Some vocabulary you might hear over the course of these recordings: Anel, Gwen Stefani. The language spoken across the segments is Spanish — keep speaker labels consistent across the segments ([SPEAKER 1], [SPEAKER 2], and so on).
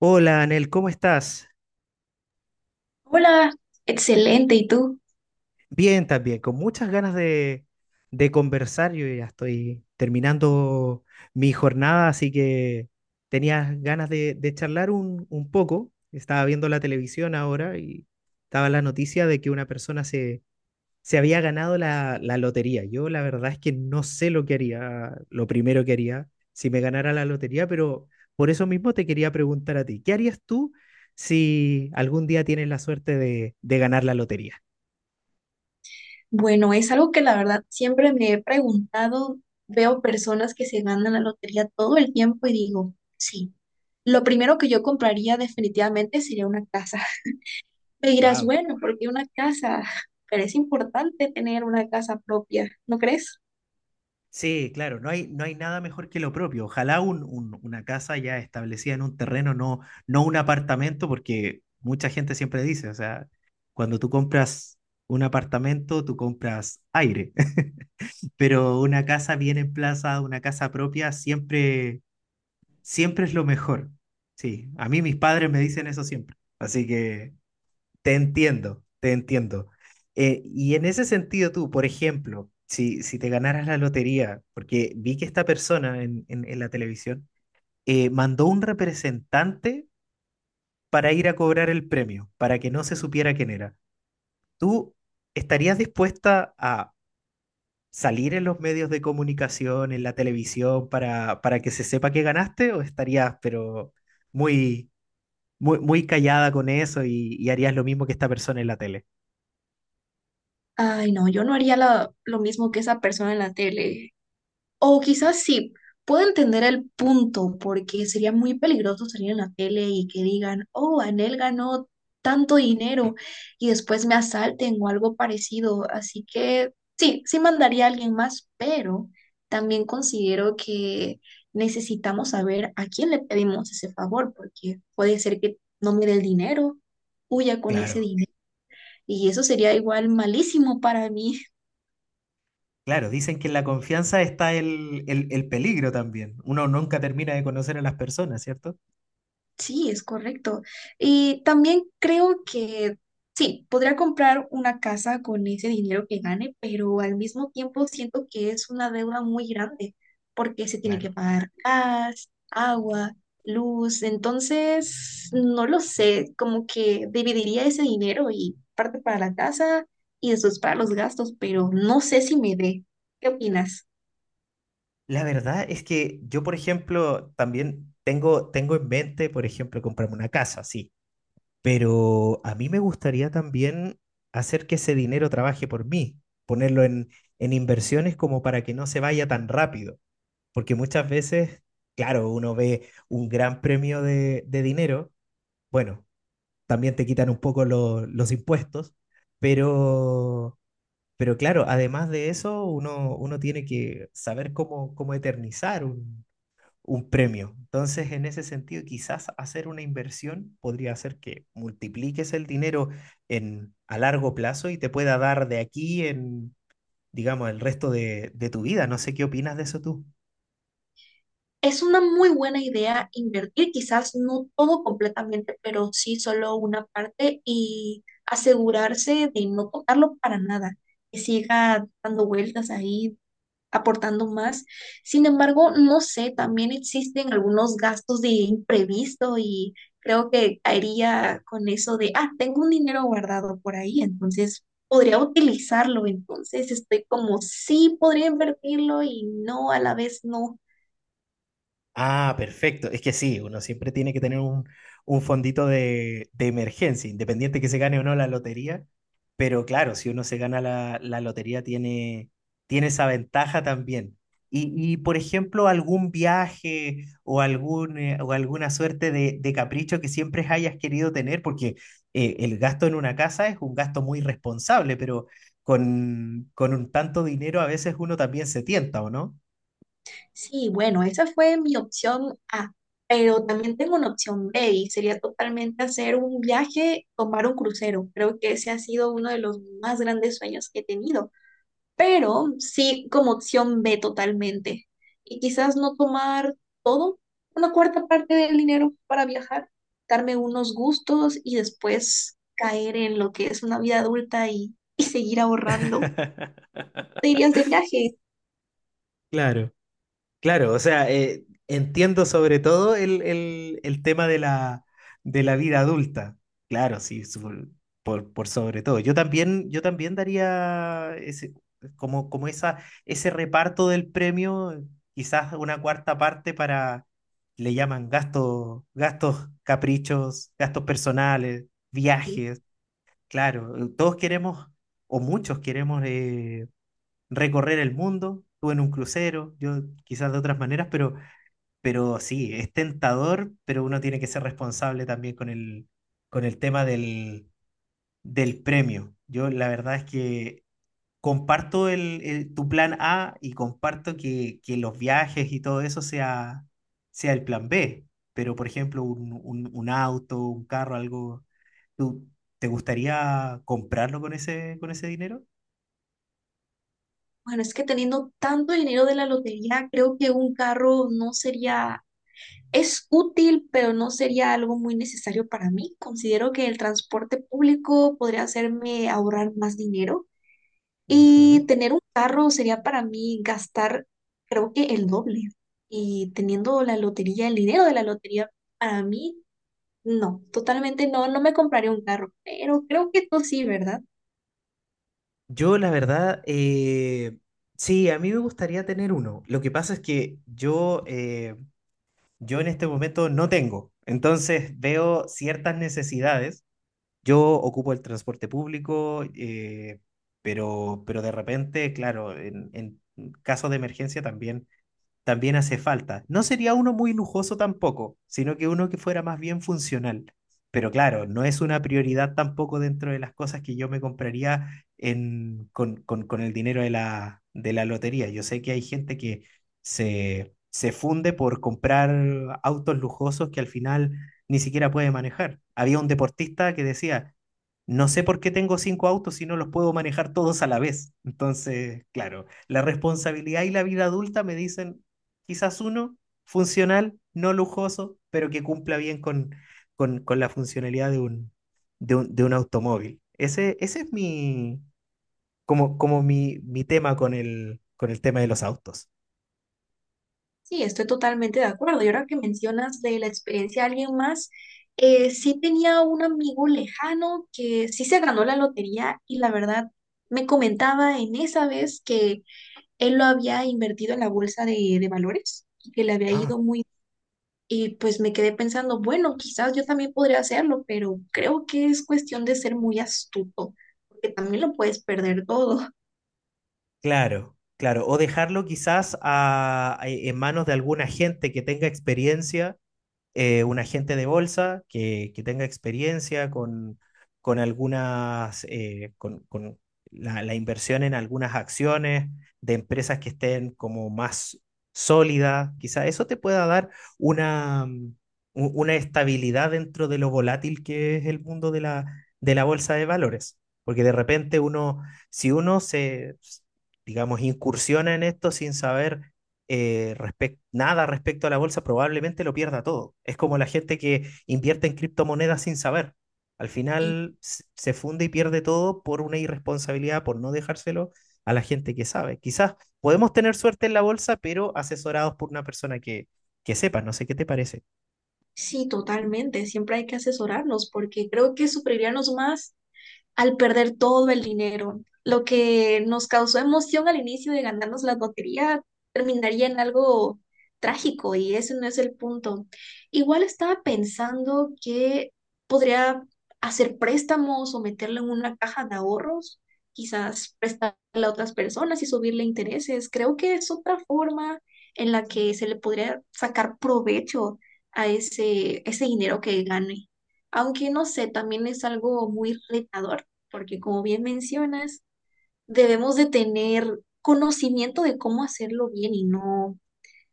[SPEAKER 1] Hola, Anel, ¿cómo estás?
[SPEAKER 2] Hola, excelente. ¿Y tú?
[SPEAKER 1] Bien también, con muchas ganas de conversar. Yo ya estoy terminando mi jornada, así que tenía ganas de charlar un poco. Estaba viendo la televisión ahora y estaba la noticia de que una persona se había ganado la lotería. Yo la verdad es que no sé lo que haría, lo primero que haría si me ganara la lotería, pero por eso mismo te quería preguntar a ti, ¿qué harías tú si algún día tienes la suerte de ganar la lotería?
[SPEAKER 2] Bueno, es algo que la verdad siempre me he preguntado. Veo personas que se ganan la lotería todo el tiempo y digo, sí, lo primero que yo compraría definitivamente sería una casa. Me dirás,
[SPEAKER 1] Wow.
[SPEAKER 2] bueno, ¿porque una casa? Pero es importante tener una casa propia, ¿no crees?
[SPEAKER 1] Sí, claro, no hay nada mejor que lo propio. Ojalá una casa ya establecida en un terreno, no, no un apartamento, porque mucha gente siempre dice, o sea, cuando tú compras un apartamento, tú compras aire. Pero una casa bien emplazada, una casa propia, siempre, siempre es lo mejor. Sí, a mí mis padres me dicen eso siempre, así que te entiendo, te entiendo. Y en ese sentido tú, por ejemplo, si te ganaras la lotería, porque vi que esta persona en la televisión mandó un representante para ir a cobrar el premio, para que no se supiera quién era. ¿Tú estarías dispuesta a salir en los medios de comunicación, en la televisión, para que se sepa que ganaste? ¿O estarías, pero muy, muy callada con eso y harías lo mismo que esta persona en la tele?
[SPEAKER 2] Ay, no, yo no haría lo mismo que esa persona en la tele. O quizás sí, puedo entender el punto, porque sería muy peligroso salir en la tele y que digan, oh, Anel ganó tanto dinero y después me asalten o algo parecido. Así que sí, sí mandaría a alguien más, pero también considero que necesitamos saber a quién le pedimos ese favor, porque puede ser que no me dé el dinero, huya con ese
[SPEAKER 1] Claro,
[SPEAKER 2] dinero. Y eso sería igual malísimo para mí.
[SPEAKER 1] claro, dicen que en la confianza está el peligro también. Uno nunca termina de conocer a las personas, ¿cierto?
[SPEAKER 2] Sí, es correcto. Y también creo que sí, podría comprar una casa con ese dinero que gane, pero al mismo tiempo siento que es una deuda muy grande porque se tiene que
[SPEAKER 1] Claro.
[SPEAKER 2] pagar gas, agua, luz. Entonces, no lo sé, como que dividiría ese dinero y parte para la casa y después para los gastos, pero no sé si me dé. ¿Qué opinas?
[SPEAKER 1] La verdad es que yo, por ejemplo, también tengo, tengo en mente, por ejemplo, comprarme una casa, sí. Pero a mí me gustaría también hacer que ese dinero trabaje por mí, ponerlo en inversiones como para que no se vaya tan rápido, porque muchas veces, claro, uno ve un gran premio de dinero, bueno, también te quitan un poco los impuestos, pero, pero claro, además de eso, uno, uno tiene que saber cómo, cómo eternizar un premio. Entonces, en ese sentido, quizás hacer una inversión podría hacer que multipliques el dinero a largo plazo y te pueda dar de aquí en, digamos, el resto de tu vida. No sé qué opinas de eso tú.
[SPEAKER 2] Es una muy buena idea invertir, quizás no todo completamente, pero sí solo una parte y asegurarse de no tocarlo para nada, que siga dando vueltas ahí, aportando más. Sin embargo, no sé, también existen algunos gastos de imprevisto y creo que caería con eso de, ah, tengo un dinero guardado por ahí, entonces podría utilizarlo. Entonces estoy como, sí, podría invertirlo y no, a la vez no.
[SPEAKER 1] Ah, perfecto. Es que sí, uno siempre tiene que tener un fondito de emergencia, independiente que se gane o no la lotería. Pero claro, si uno se gana la lotería, tiene, tiene esa ventaja también. Y, por ejemplo, algún viaje o, algún, o alguna suerte de capricho que siempre hayas querido tener, porque el gasto en una casa es un gasto muy responsable, pero con un tanto dinero a veces uno también se tienta, ¿o no?
[SPEAKER 2] Sí, bueno, esa fue mi opción A, pero también tengo una opción B y sería totalmente hacer un viaje, tomar un crucero. Creo que ese ha sido uno de los más grandes sueños que he tenido, pero sí como opción B totalmente. Y quizás no tomar todo, una cuarta parte del dinero para viajar, darme unos gustos y después caer en lo que es una vida adulta y seguir ahorrando. ¿Te irías de viaje?
[SPEAKER 1] Claro. Claro, o sea, entiendo sobre todo el, el tema de la vida adulta. Claro, sí, por sobre todo. Yo también daría ese, como, como esa, ese reparto del premio, quizás una cuarta parte para, le llaman gastos, gastos caprichos, gastos personales, viajes. Claro, todos queremos, o muchos queremos recorrer el mundo, tú en un crucero, yo quizás de otras maneras, pero sí, es tentador, pero uno tiene que ser responsable también con el tema del, del premio. Yo la verdad es que comparto el, tu plan A y comparto que los viajes y todo eso sea, sea el plan B, pero por ejemplo, un auto, un carro, algo, ¿tú te gustaría comprarlo con ese dinero?
[SPEAKER 2] Bueno, es que teniendo tanto dinero de la lotería, creo que un carro no sería, es útil, pero no sería algo muy necesario para mí. Considero que el transporte público podría hacerme ahorrar más dinero
[SPEAKER 1] Ujú.
[SPEAKER 2] y tener un carro sería para mí gastar, creo que el doble. Y teniendo la lotería, el dinero de la lotería, para mí, no, totalmente no, no me compraría un carro, pero creo que tú sí, ¿verdad?
[SPEAKER 1] Yo, la verdad, sí, a mí me gustaría tener uno. Lo que pasa es que yo, yo en este momento no tengo. Entonces veo ciertas necesidades. Yo ocupo el transporte público, pero de repente, claro, en caso de emergencia también también hace falta. No sería uno muy lujoso tampoco, sino que uno que fuera más bien funcional. Pero claro, no es una prioridad tampoco dentro de las cosas que yo me compraría en, con el dinero de la lotería. Yo sé que hay gente que se funde por comprar autos lujosos que al final ni siquiera puede manejar. Había un deportista que decía, no sé por qué tengo cinco autos si no los puedo manejar todos a la vez. Entonces, claro, la responsabilidad y la vida adulta me dicen, quizás uno, funcional, no lujoso, pero que cumpla bien con, con la funcionalidad de un, de un automóvil. Ese es mi, como, como mi tema con el tema de los autos.
[SPEAKER 2] Sí, estoy totalmente de acuerdo. Y ahora que mencionas de la experiencia de alguien más, sí tenía un amigo lejano que sí se ganó la lotería y la verdad me comentaba en esa vez que él lo había invertido en la bolsa de valores y que le había
[SPEAKER 1] Ah,
[SPEAKER 2] ido muy... Y pues me quedé pensando, bueno, quizás yo también podría hacerlo, pero creo que es cuestión de ser muy astuto, porque también lo puedes perder todo.
[SPEAKER 1] claro, claro. O dejarlo quizás en manos de alguna gente que tenga experiencia un agente de bolsa que tenga experiencia con algunas, con la, la inversión en algunas acciones de empresas que estén como más sólidas, quizá eso te pueda dar una, una estabilidad dentro de lo volátil que es el mundo de la bolsa de valores. Porque de repente uno, si uno se, digamos, incursiona en esto sin saber nada respecto a la bolsa, probablemente lo pierda todo. Es como la gente que invierte en criptomonedas sin saber. Al
[SPEAKER 2] Y
[SPEAKER 1] final se funde y pierde todo por una irresponsabilidad, por no dejárselo a la gente que sabe. Quizás podemos tener suerte en la bolsa, pero asesorados por una persona que sepa. No sé qué te parece.
[SPEAKER 2] sí, totalmente, siempre hay que asesorarnos porque creo que sufriríamos más al perder todo el dinero. Lo que nos causó emoción al inicio de ganarnos la lotería terminaría en algo trágico y ese no es el punto. Igual estaba pensando que podría hacer préstamos o meterlo en una caja de ahorros, quizás prestarle a otras personas y subirle intereses. Creo que es otra forma en la que se le podría sacar provecho a ese dinero que gane aunque no sé, también es algo muy retador porque como bien mencionas, debemos de tener conocimiento de cómo hacerlo bien y no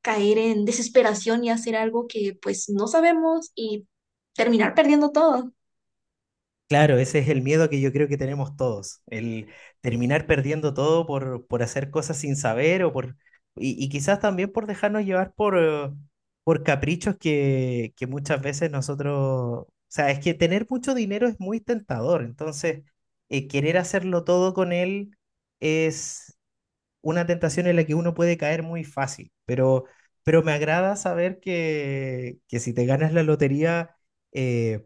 [SPEAKER 2] caer en desesperación y hacer algo que pues no sabemos y terminar perdiendo todo.
[SPEAKER 1] Claro, ese es el miedo que yo creo que tenemos todos, el terminar perdiendo todo por hacer cosas sin saber o por, y quizás también por dejarnos llevar por caprichos que muchas veces nosotros, o sea, es que tener mucho dinero es muy tentador, entonces querer hacerlo todo con él es una tentación en la que uno puede caer muy fácil, pero me agrada saber que si te ganas la lotería... eh,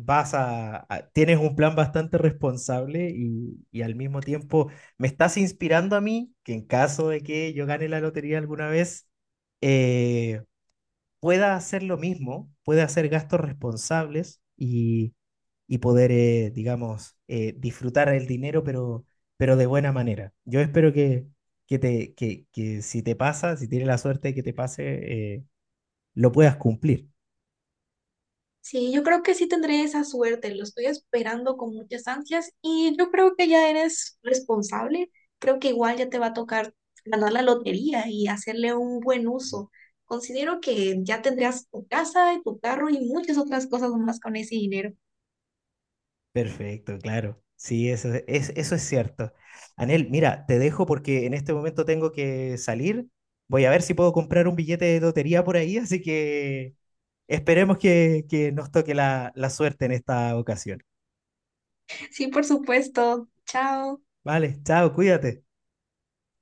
[SPEAKER 1] vas a, tienes un plan bastante responsable y al mismo tiempo me estás inspirando a mí que en caso de que yo gane la lotería alguna vez, eh, pueda hacer lo mismo, pueda hacer gastos responsables y poder, digamos, disfrutar el dinero, pero de buena manera. Yo espero que, te, que si te pasa, si tienes la suerte de que te pase, lo puedas cumplir.
[SPEAKER 2] Sí, yo creo que sí tendré esa suerte, lo estoy esperando con muchas ansias y yo creo que ya eres responsable, creo que igual ya te va a tocar ganar la lotería y hacerle un buen uso. Considero que ya tendrás tu casa y tu carro y muchas otras cosas más con ese dinero.
[SPEAKER 1] Perfecto, claro. Sí, eso es cierto. Anel, mira, te dejo porque en este momento tengo que salir. Voy a ver si puedo comprar un billete de lotería por ahí, así que esperemos que nos toque la, la suerte en esta ocasión.
[SPEAKER 2] Sí, por supuesto. Chao.
[SPEAKER 1] Vale, chao, cuídate.